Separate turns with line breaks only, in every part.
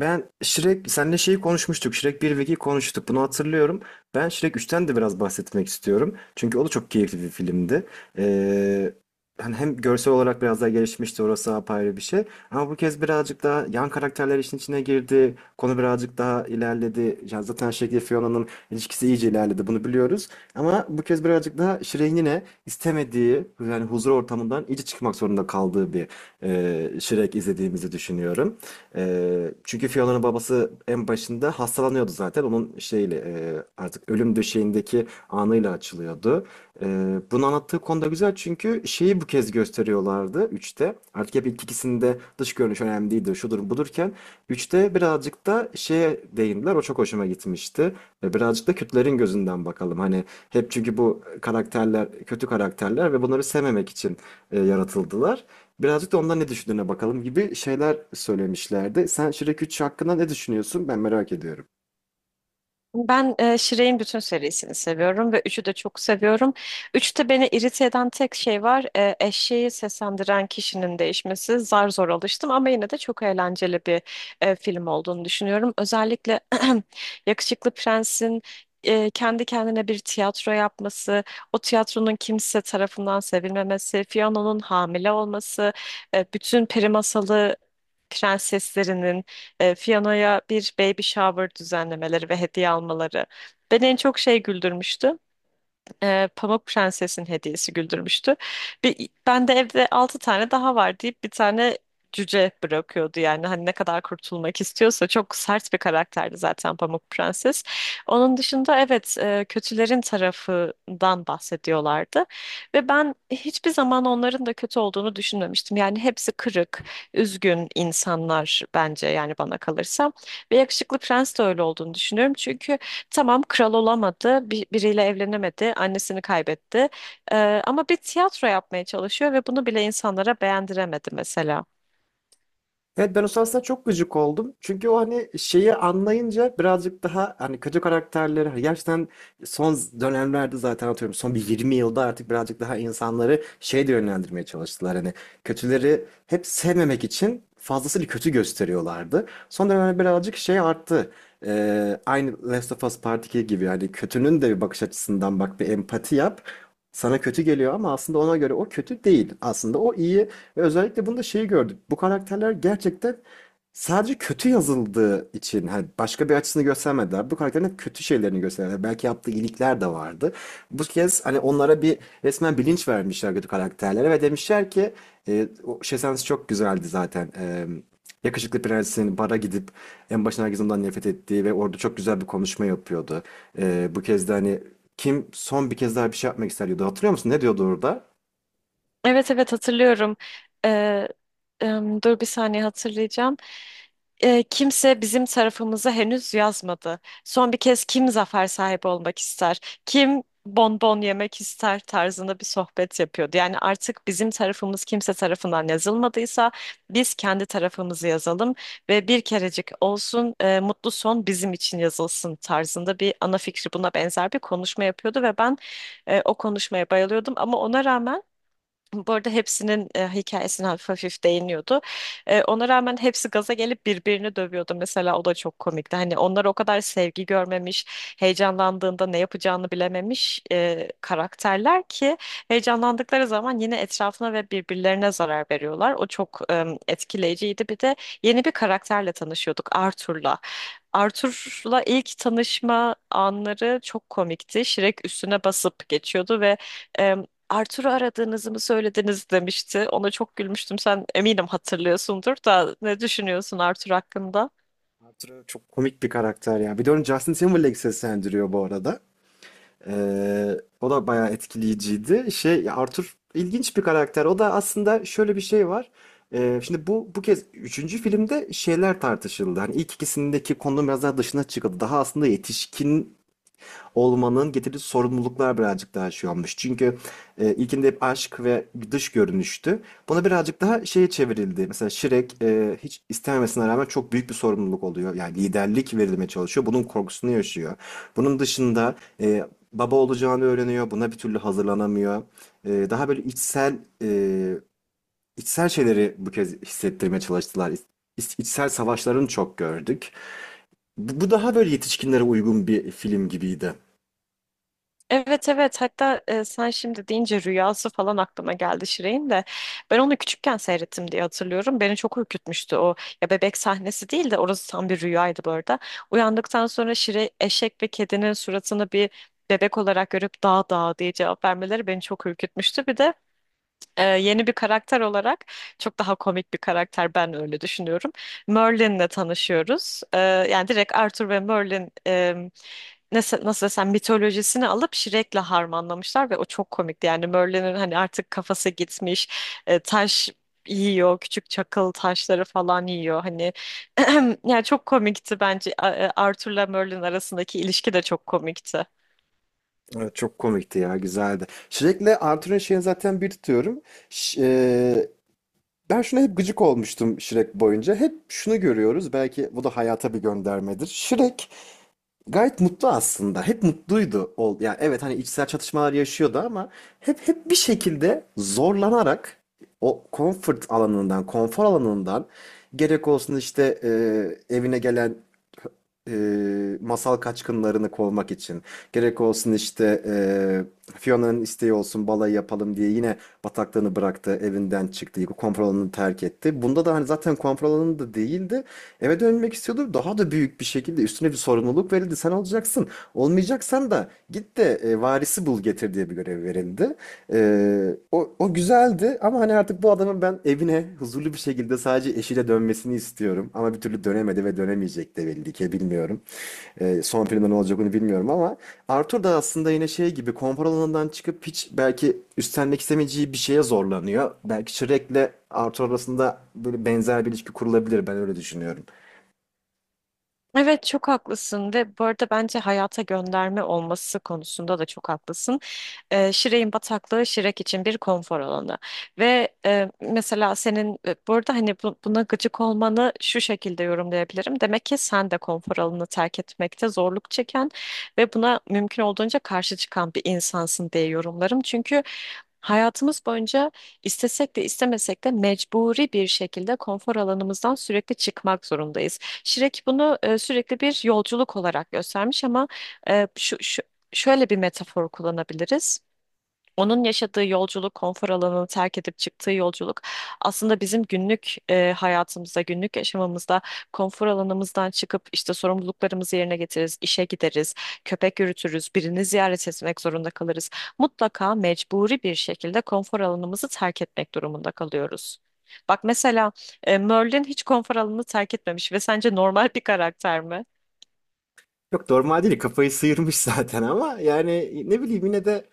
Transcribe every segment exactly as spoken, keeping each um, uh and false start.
Ben Shrek, senle şeyi konuşmuştuk. Shrek bir ve iki konuştuk. Bunu hatırlıyorum. Ben Shrek üçten de biraz bahsetmek istiyorum. Çünkü o da çok keyifli bir filmdi. Ee, hani hem görsel olarak biraz daha gelişmişti. Orası apayrı bir şey. Ama bu kez birazcık daha yan karakterler işin içine girdi. Konu birazcık daha ilerledi. Ya zaten Shrek ile Fiona'nın ilişkisi iyice ilerledi. Bunu biliyoruz. Ama bu kez birazcık daha Şirin yine istemediği, yani huzur ortamından iyice çıkmak zorunda kaldığı bir e, Shrek izlediğimizi düşünüyorum. E, çünkü Fiona'nın babası en başında hastalanıyordu zaten. Onun şeyle e, artık ölüm döşeğindeki anıyla açılıyordu. E, bunu anlattığı konuda güzel, çünkü şeyi bu kez gösteriyorlardı üçte. Artık hep ilk ikisinde dış görünüş önemli değildi, şudur budurken üçte birazcık da şeye değindiler. O çok hoşuma gitmişti. E, Birazcık da Kürtlerin gözünden bakalım. Hani hep çünkü bu karakterler kötü karakterler ve bunları sevmemek için e, yaratıldılar. Birazcık da ondan ne düşündüğüne bakalım gibi şeyler söylemişlerdi. Sen Shrek üç hakkında ne düşünüyorsun? Ben merak ediyorum.
Ben e, Shirey'in bütün serisini seviyorum ve üçü de çok seviyorum. Üçte beni irite eden tek şey var. E, eşeği seslendiren kişinin değişmesi. Zar zor alıştım ama yine de çok eğlenceli bir e, film olduğunu düşünüyorum. Özellikle Yakışıklı Prens'in e, kendi kendine bir tiyatro yapması, o tiyatronun kimse tarafından sevilmemesi, Fiona'nın hamile olması, e, bütün peri masalı prenseslerinin e, Fiona'ya bir baby shower düzenlemeleri ve hediye almaları beni en çok şey güldürmüştü, e, Pamuk Prenses'in hediyesi güldürmüştü. Bir, ben de evde altı tane daha var deyip bir tane cüce bırakıyordu. Yani hani ne kadar kurtulmak istiyorsa, çok sert bir karakterdi zaten Pamuk Prenses. Onun dışında, evet, e, kötülerin tarafından bahsediyorlardı ve ben hiçbir zaman onların da kötü olduğunu düşünmemiştim. Yani hepsi kırık, üzgün insanlar bence, yani bana kalırsa. Ve yakışıklı prens de öyle olduğunu düşünüyorum. Çünkü tamam, kral olamadı, bir, biriyle evlenemedi, annesini kaybetti. Ee, ama bir tiyatro yapmaya çalışıyor ve bunu bile insanlara beğendiremedi mesela.
Evet, ben o sahnesine çok gıcık oldum. Çünkü o hani şeyi anlayınca birazcık daha hani kötü karakterleri hani gerçekten son dönemlerde zaten atıyorum son bir yirmi yılda artık birazcık daha insanları şey de yönlendirmeye çalıştılar. Hani kötüleri hep sevmemek için fazlasıyla kötü gösteriyorlardı. Son dönemlerde birazcık şey arttı. Ee, aynı Last of Us Part iki gibi hani kötünün de bir bakış açısından bak, bir empati yap. Sana kötü geliyor ama aslında ona göre o kötü değil. Aslında o iyi. Ve özellikle bunda şeyi gördük. Bu karakterler gerçekten sadece kötü yazıldığı için hani başka bir açısını göstermediler. Bu karakterin hep kötü şeylerini gösterdiler. Hani belki yaptığı iyilikler de vardı. Bu kez hani onlara bir resmen bilinç vermişler kötü karakterlere ve demişler ki e, o şey sahnesi çok güzeldi zaten. E, Yakışıklı Prens'in bara gidip en başına herkes ondan nefret ettiği ve orada çok güzel bir konuşma yapıyordu. E, bu kez de hani kim son bir kez daha bir şey yapmak ister diyordu. Hatırlıyor musun? Ne diyordu orada?
Evet, evet, hatırlıyorum. Ee, em, dur bir saniye, hatırlayacağım. Ee, kimse bizim tarafımıza henüz yazmadı. Son bir kez kim zafer sahibi olmak ister? Kim bonbon yemek ister tarzında bir sohbet yapıyordu. Yani artık bizim tarafımız kimse tarafından yazılmadıysa biz kendi tarafımızı yazalım ve bir kerecik olsun e, mutlu son bizim için yazılsın tarzında bir ana fikri, buna benzer bir konuşma yapıyordu ve ben e, o konuşmaya bayılıyordum. Ama ona rağmen, bu arada hepsinin e, hikayesine hafif hafif değiniyordu. E, ona rağmen hepsi gaza gelip birbirini dövüyordu. Mesela o da çok komikti. Hani onlar o kadar sevgi görmemiş, heyecanlandığında ne yapacağını bilememiş e, karakterler ki heyecanlandıkları zaman yine etrafına ve birbirlerine zarar veriyorlar. O çok e, etkileyiciydi. Bir de yeni bir karakterle tanışıyorduk, Arthur'la. Arthur'la ilk tanışma anları çok komikti. Shrek üstüne basıp geçiyordu ve e, Arthur'u aradığınızı mı söylediniz demişti. Ona çok gülmüştüm. Sen eminim hatırlıyorsundur da, ne düşünüyorsun Arthur hakkında?
Arthur çok komik bir karakter ya. Bir de onu Justin Timberlake seslendiriyor bu arada. Ee, O da bayağı etkileyiciydi. Şey, Arthur ilginç bir karakter. O da aslında şöyle bir şey var. Ee, şimdi bu bu kez üçüncü filmde şeyler tartışıldı. Hani ilk ikisindeki konunun biraz daha dışına çıkıldı. Daha aslında yetişkin olmanın getirdiği sorumluluklar birazcık daha şey olmuş. Çünkü e, ilkinde hep aşk ve dış görünüştü. Buna birazcık daha şeye çevrildi. Mesela Shrek e, hiç istememesine rağmen çok büyük bir sorumluluk oluyor. Yani liderlik verilmeye çalışıyor. Bunun korkusunu yaşıyor. Bunun dışında e, baba olacağını öğreniyor. Buna bir türlü hazırlanamıyor. E, daha böyle içsel e, içsel şeyleri bu kez hissettirmeye çalıştılar. İç- içsel savaşlarını çok gördük. Bu bu daha böyle yetişkinlere uygun bir film gibiydi.
Evet, evet, hatta e, sen şimdi deyince rüyası falan aklıma geldi. Şirin de ben onu küçükken seyrettim diye hatırlıyorum. Beni çok ürkütmüştü o. Ya, bebek sahnesi değil de orası tam bir rüyaydı bu arada. Uyandıktan sonra Şirin, eşek ve kedinin suratını bir bebek olarak görüp dağ dağ diye cevap vermeleri beni çok ürkütmüştü. Bir de e, yeni bir karakter olarak, çok daha komik bir karakter, ben öyle düşünüyorum. Merlin'le tanışıyoruz. E, yani direkt Arthur ve Merlin e, nasıl, nasıl desem, mitolojisini alıp Shrek'le harmanlamışlar ve o çok komikti. Yani Merlin'in hani artık kafası gitmiş, e, taş yiyor, küçük çakıl taşları falan yiyor. Hani yani çok komikti bence. A- e, Arthur'la Merlin arasındaki ilişki de çok komikti.
Evet, çok komikti ya, güzeldi. Shrek'le Arthur'un şeyini zaten bir tutuyorum. Ş- e, ben şuna hep gıcık olmuştum Shrek boyunca. Hep şunu görüyoruz. Belki bu da hayata bir göndermedir. Shrek gayet mutlu aslında. Hep mutluydu. Ol, yani evet, hani içsel çatışmalar yaşıyordu ama hep hep bir şekilde zorlanarak o comfort alanından, konfor alanından, gerek olsun işte e, evine gelen e, masal kaçkınlarını kovmak için. Gerek olsun işte e, Fiona'nın isteği olsun balayı yapalım diye yine bataklığını bıraktı, evinden çıktı, konfor alanını terk etti. Bunda da hani zaten konfor alanı da değildi. Eve dönmek istiyordu. Daha da büyük bir şekilde üstüne bir sorumluluk verildi. Sen olacaksın. Olmayacaksan da git de e, varisi bul getir diye bir görev verildi. Ee, o, o güzeldi ama hani artık bu adamın ben evine huzurlu bir şekilde sadece eşiyle dönmesini istiyorum. Ama bir türlü dönemedi ve dönemeyecek de belli ki, bilmiyorum. Ee, son filmde ne olacak onu bilmiyorum, ama Arthur da aslında yine şey gibi konfor alanından çıkıp hiç belki üstlenmek istemeyeceği bir şeye zorlanıyor. Belki Shrek'le Arthur arasında böyle benzer bir ilişki kurulabilir, ben öyle düşünüyorum.
Evet, çok haklısın. Ve bu arada bence hayata gönderme olması konusunda da çok haklısın. E, Şire'in bataklığı Şirek için bir konfor alanı. Ve e, mesela senin e, burada hani bu- buna gıcık olmanı şu şekilde yorumlayabilirim. Demek ki sen de konfor alanını terk etmekte zorluk çeken ve buna mümkün olduğunca karşı çıkan bir insansın diye yorumlarım. Çünkü hayatımız boyunca, istesek de istemesek de, mecburi bir şekilde konfor alanımızdan sürekli çıkmak zorundayız. Şirek bunu e, sürekli bir yolculuk olarak göstermiş. Ama e, şu, şu şöyle bir metafor kullanabiliriz. Onun yaşadığı yolculuk, konfor alanını terk edip çıktığı yolculuk, aslında bizim günlük e, hayatımızda, günlük yaşamımızda konfor alanımızdan çıkıp işte sorumluluklarımızı yerine getiririz, işe gideriz, köpek yürütürüz, birini ziyaret etmek zorunda kalırız. Mutlaka mecburi bir şekilde konfor alanımızı terk etmek durumunda kalıyoruz. Bak mesela, e, Merlin hiç konfor alanını terk etmemiş ve sence normal bir karakter mi?
Yok, normal değil, kafayı sıyırmış zaten, ama yani ne bileyim, yine de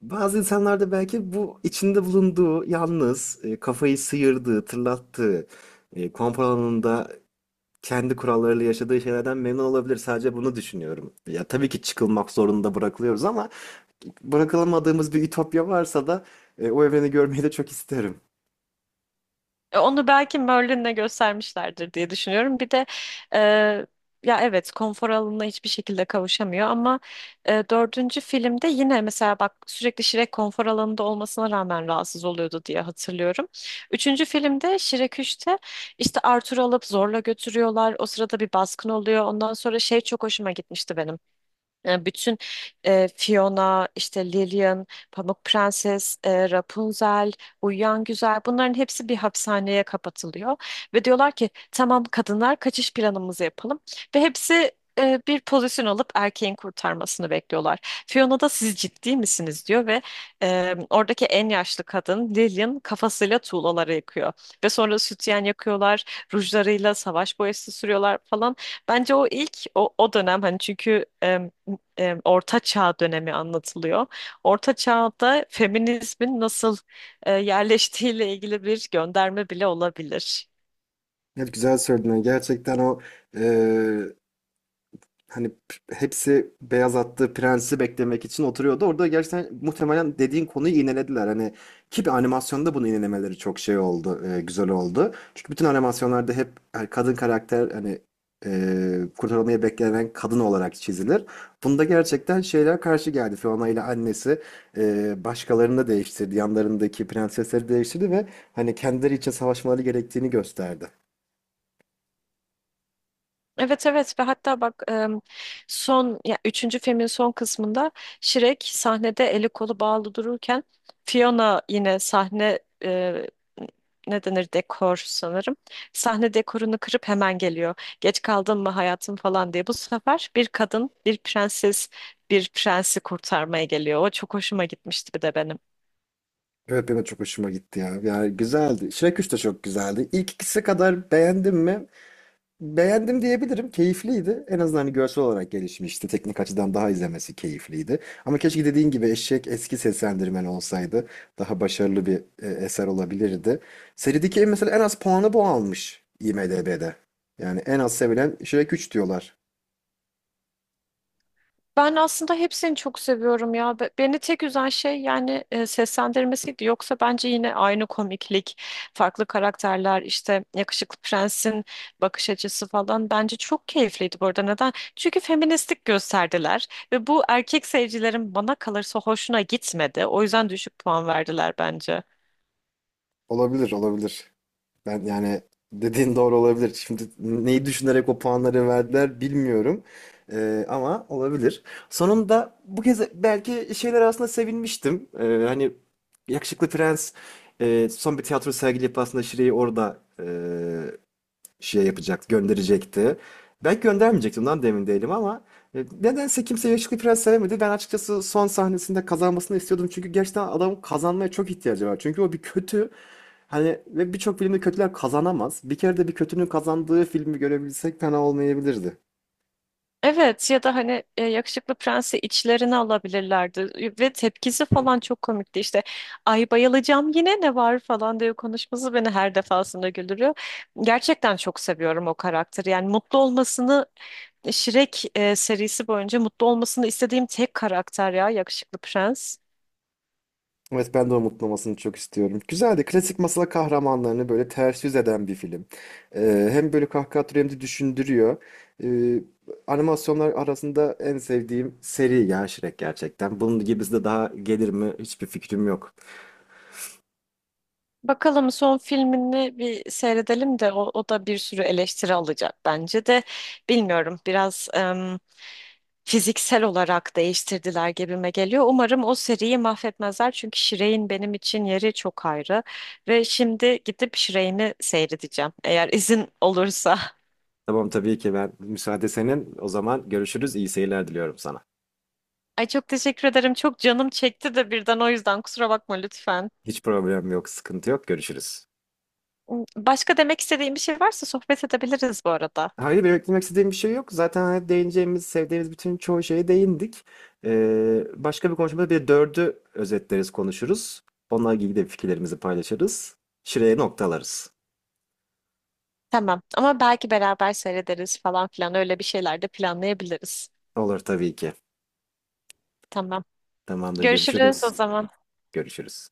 bazı insanlarda belki bu içinde bulunduğu yalnız e, kafayı sıyırdığı, tırlattığı, e, konfor alanında kendi kurallarıyla yaşadığı şeylerden memnun olabilir. Sadece bunu düşünüyorum. Ya tabii ki çıkılmak zorunda bırakılıyoruz, ama bırakılamadığımız bir ütopya varsa da e, o evreni görmeyi de çok isterim.
E, Onu belki Merlin'le göstermişlerdir diye düşünüyorum. Bir de e, ya, evet, konfor alanına hiçbir şekilde kavuşamıyor. Ama e, dördüncü filmde yine mesela bak, sürekli Shrek konfor alanında olmasına rağmen rahatsız oluyordu diye hatırlıyorum. Üçüncü filmde, Shrek üçte, işte Arthur'u alıp zorla götürüyorlar. O sırada bir baskın oluyor. Ondan sonra şey çok hoşuma gitmişti benim. Yani bütün e, Fiona, işte Lillian, Pamuk Prenses, e, Rapunzel, Uyuyan Güzel, bunların hepsi bir hapishaneye kapatılıyor. Ve diyorlar ki, tamam kadınlar, kaçış planımızı yapalım. Ve hepsi e, bir pozisyon alıp erkeğin kurtarmasını bekliyorlar. Fiona da siz ciddi misiniz diyor ve e, oradaki en yaşlı kadın Lillian kafasıyla tuğlaları yakıyor. Ve sonra sütyen yakıyorlar, rujlarıyla savaş boyası sürüyorlar falan. Bence o ilk o, o dönem, hani çünkü e, e, Orta Çağ dönemi anlatılıyor. Orta Çağ'da feminizmin nasıl e, yerleştiğiyle ilgili bir gönderme bile olabilir.
Evet, güzel söyledin. Gerçekten o e, hani p- hepsi beyaz attığı prensi beklemek için oturuyordu. Orada gerçekten muhtemelen dediğin konuyu iğnelediler. Hani ki bir animasyonda bunu iğnelemeleri çok şey oldu, e, güzel oldu. Çünkü bütün animasyonlarda hep hani kadın karakter hani e, kurtarılmayı beklenen kadın olarak çizilir. Bunda gerçekten şeyler karşı geldi. Fiona ile annesi e, başkalarını da değiştirdi. Yanlarındaki prensesleri değiştirdi ve hani kendileri için savaşmaları gerektiğini gösterdi.
Evet, evet, ve hatta bak, em, son, ya, üçüncü filmin son kısmında Shrek sahnede eli kolu bağlı dururken, Fiona yine sahne e, ne denir, dekor sanırım, sahne dekorunu kırıp hemen geliyor. Geç kaldın mı hayatım falan diye. Bu sefer bir kadın, bir prenses, bir prensi kurtarmaya geliyor. O çok hoşuma gitmişti bir de benim.
Evet, benim de çok hoşuma gitti ya. Yani güzeldi. Shrek üç de çok güzeldi. İlk ikisi kadar beğendim mi? Beğendim diyebilirim. Keyifliydi. En azından hani görsel olarak gelişmişti. Teknik açıdan daha izlemesi keyifliydi. Ama keşke dediğin gibi Eşek eski seslendirmen olsaydı. Daha başarılı bir e, eser olabilirdi. Serideki en- mesela en az puanı bu almış i m d b'de. Yani en az sevilen Shrek üç diyorlar.
Ben aslında hepsini çok seviyorum ya. Be- Beni tek üzen şey yani e, seslendirmesiydi. Yoksa bence yine aynı komiklik, farklı karakterler, işte yakışıklı prensin bakış açısı falan, bence çok keyifliydi bu arada. Neden? Çünkü feministlik gösterdiler ve bu erkek seyircilerin bana kalırsa hoşuna gitmedi. O yüzden düşük puan verdiler bence.
Olabilir, olabilir. Ben yani dediğin doğru olabilir. Şimdi neyi düşünerek o puanları verdiler bilmiyorum. Ee, ama olabilir. Sonunda bu kez belki şeyler arasında sevinmiştim. Ee, hani Yakışıklı Prens e, son bir tiyatro sergileyip aslında Şire'yi orada e, şey yapacaktı, gönderecekti. Belki göndermeyecektim lan, demin değilim, ama e, nedense kimse Yakışıklı Prens sevmedi. Ben açıkçası son sahnesinde kazanmasını istiyordum. Çünkü gerçekten adamın kazanmaya çok ihtiyacı var. Çünkü o bir kötü. Hani ve birçok filmde kötüler kazanamaz. Bir kere de bir kötünün kazandığı filmi görebilsek fena olmayabilirdi.
Evet, ya da hani e, yakışıklı prensi içlerine alabilirlerdi. Ve tepkisi falan çok komikti. İşte ay bayılacağım yine ne var falan diye konuşması beni her defasında güldürüyor. Gerçekten çok seviyorum o karakteri. Yani mutlu olmasını, Shrek e, serisi boyunca mutlu olmasını istediğim tek karakter ya, yakışıklı prens.
Evet, ben de onun mutlu çok istiyorum. Güzeldi. Klasik masal kahramanlarını böyle ters yüz eden bir film. Ee, hem böyle kahkaha atıyor hem de düşündürüyor. Ee, animasyonlar arasında en sevdiğim seri ya Shrek, gerçekten. Bunun gibisi de daha gelir mi, hiçbir fikrim yok.
Bakalım son filmini bir seyredelim de, o, o da bir sürü eleştiri alacak bence de, bilmiyorum, biraz fiziksel olarak değiştirdiler gibime geliyor. Umarım o seriyi mahvetmezler, çünkü Shrek'in benim için yeri çok ayrı. Ve şimdi gidip Shrek'imi seyredeceğim, eğer izin olursa.
Tamam, tabii ki ben müsaade senin. O zaman görüşürüz. İyi seyirler diliyorum sana.
Ay, çok teşekkür ederim. Çok canım çekti de birden, o yüzden kusura bakma lütfen.
Hiç problem yok, sıkıntı yok. Görüşürüz.
Hmm, Başka demek istediğim bir şey varsa sohbet edebiliriz bu arada.
Hayır, benim eklemek istediğim bir şey yok. Zaten hani değineceğimiz, sevdiğimiz bütün çoğu şeye değindik. Ee, başka bir konuşmada bir dördü özetleriz, konuşuruz. Onunla ilgili de fikirlerimizi paylaşırız. Şuraya noktalarız.
Tamam, ama belki beraber seyrederiz falan filan, öyle bir şeyler de planlayabiliriz.
Olur tabii ki.
Tamam.
Tamamdır,
Görüşürüz o
görüşürüz.
zaman.
Görüşürüz.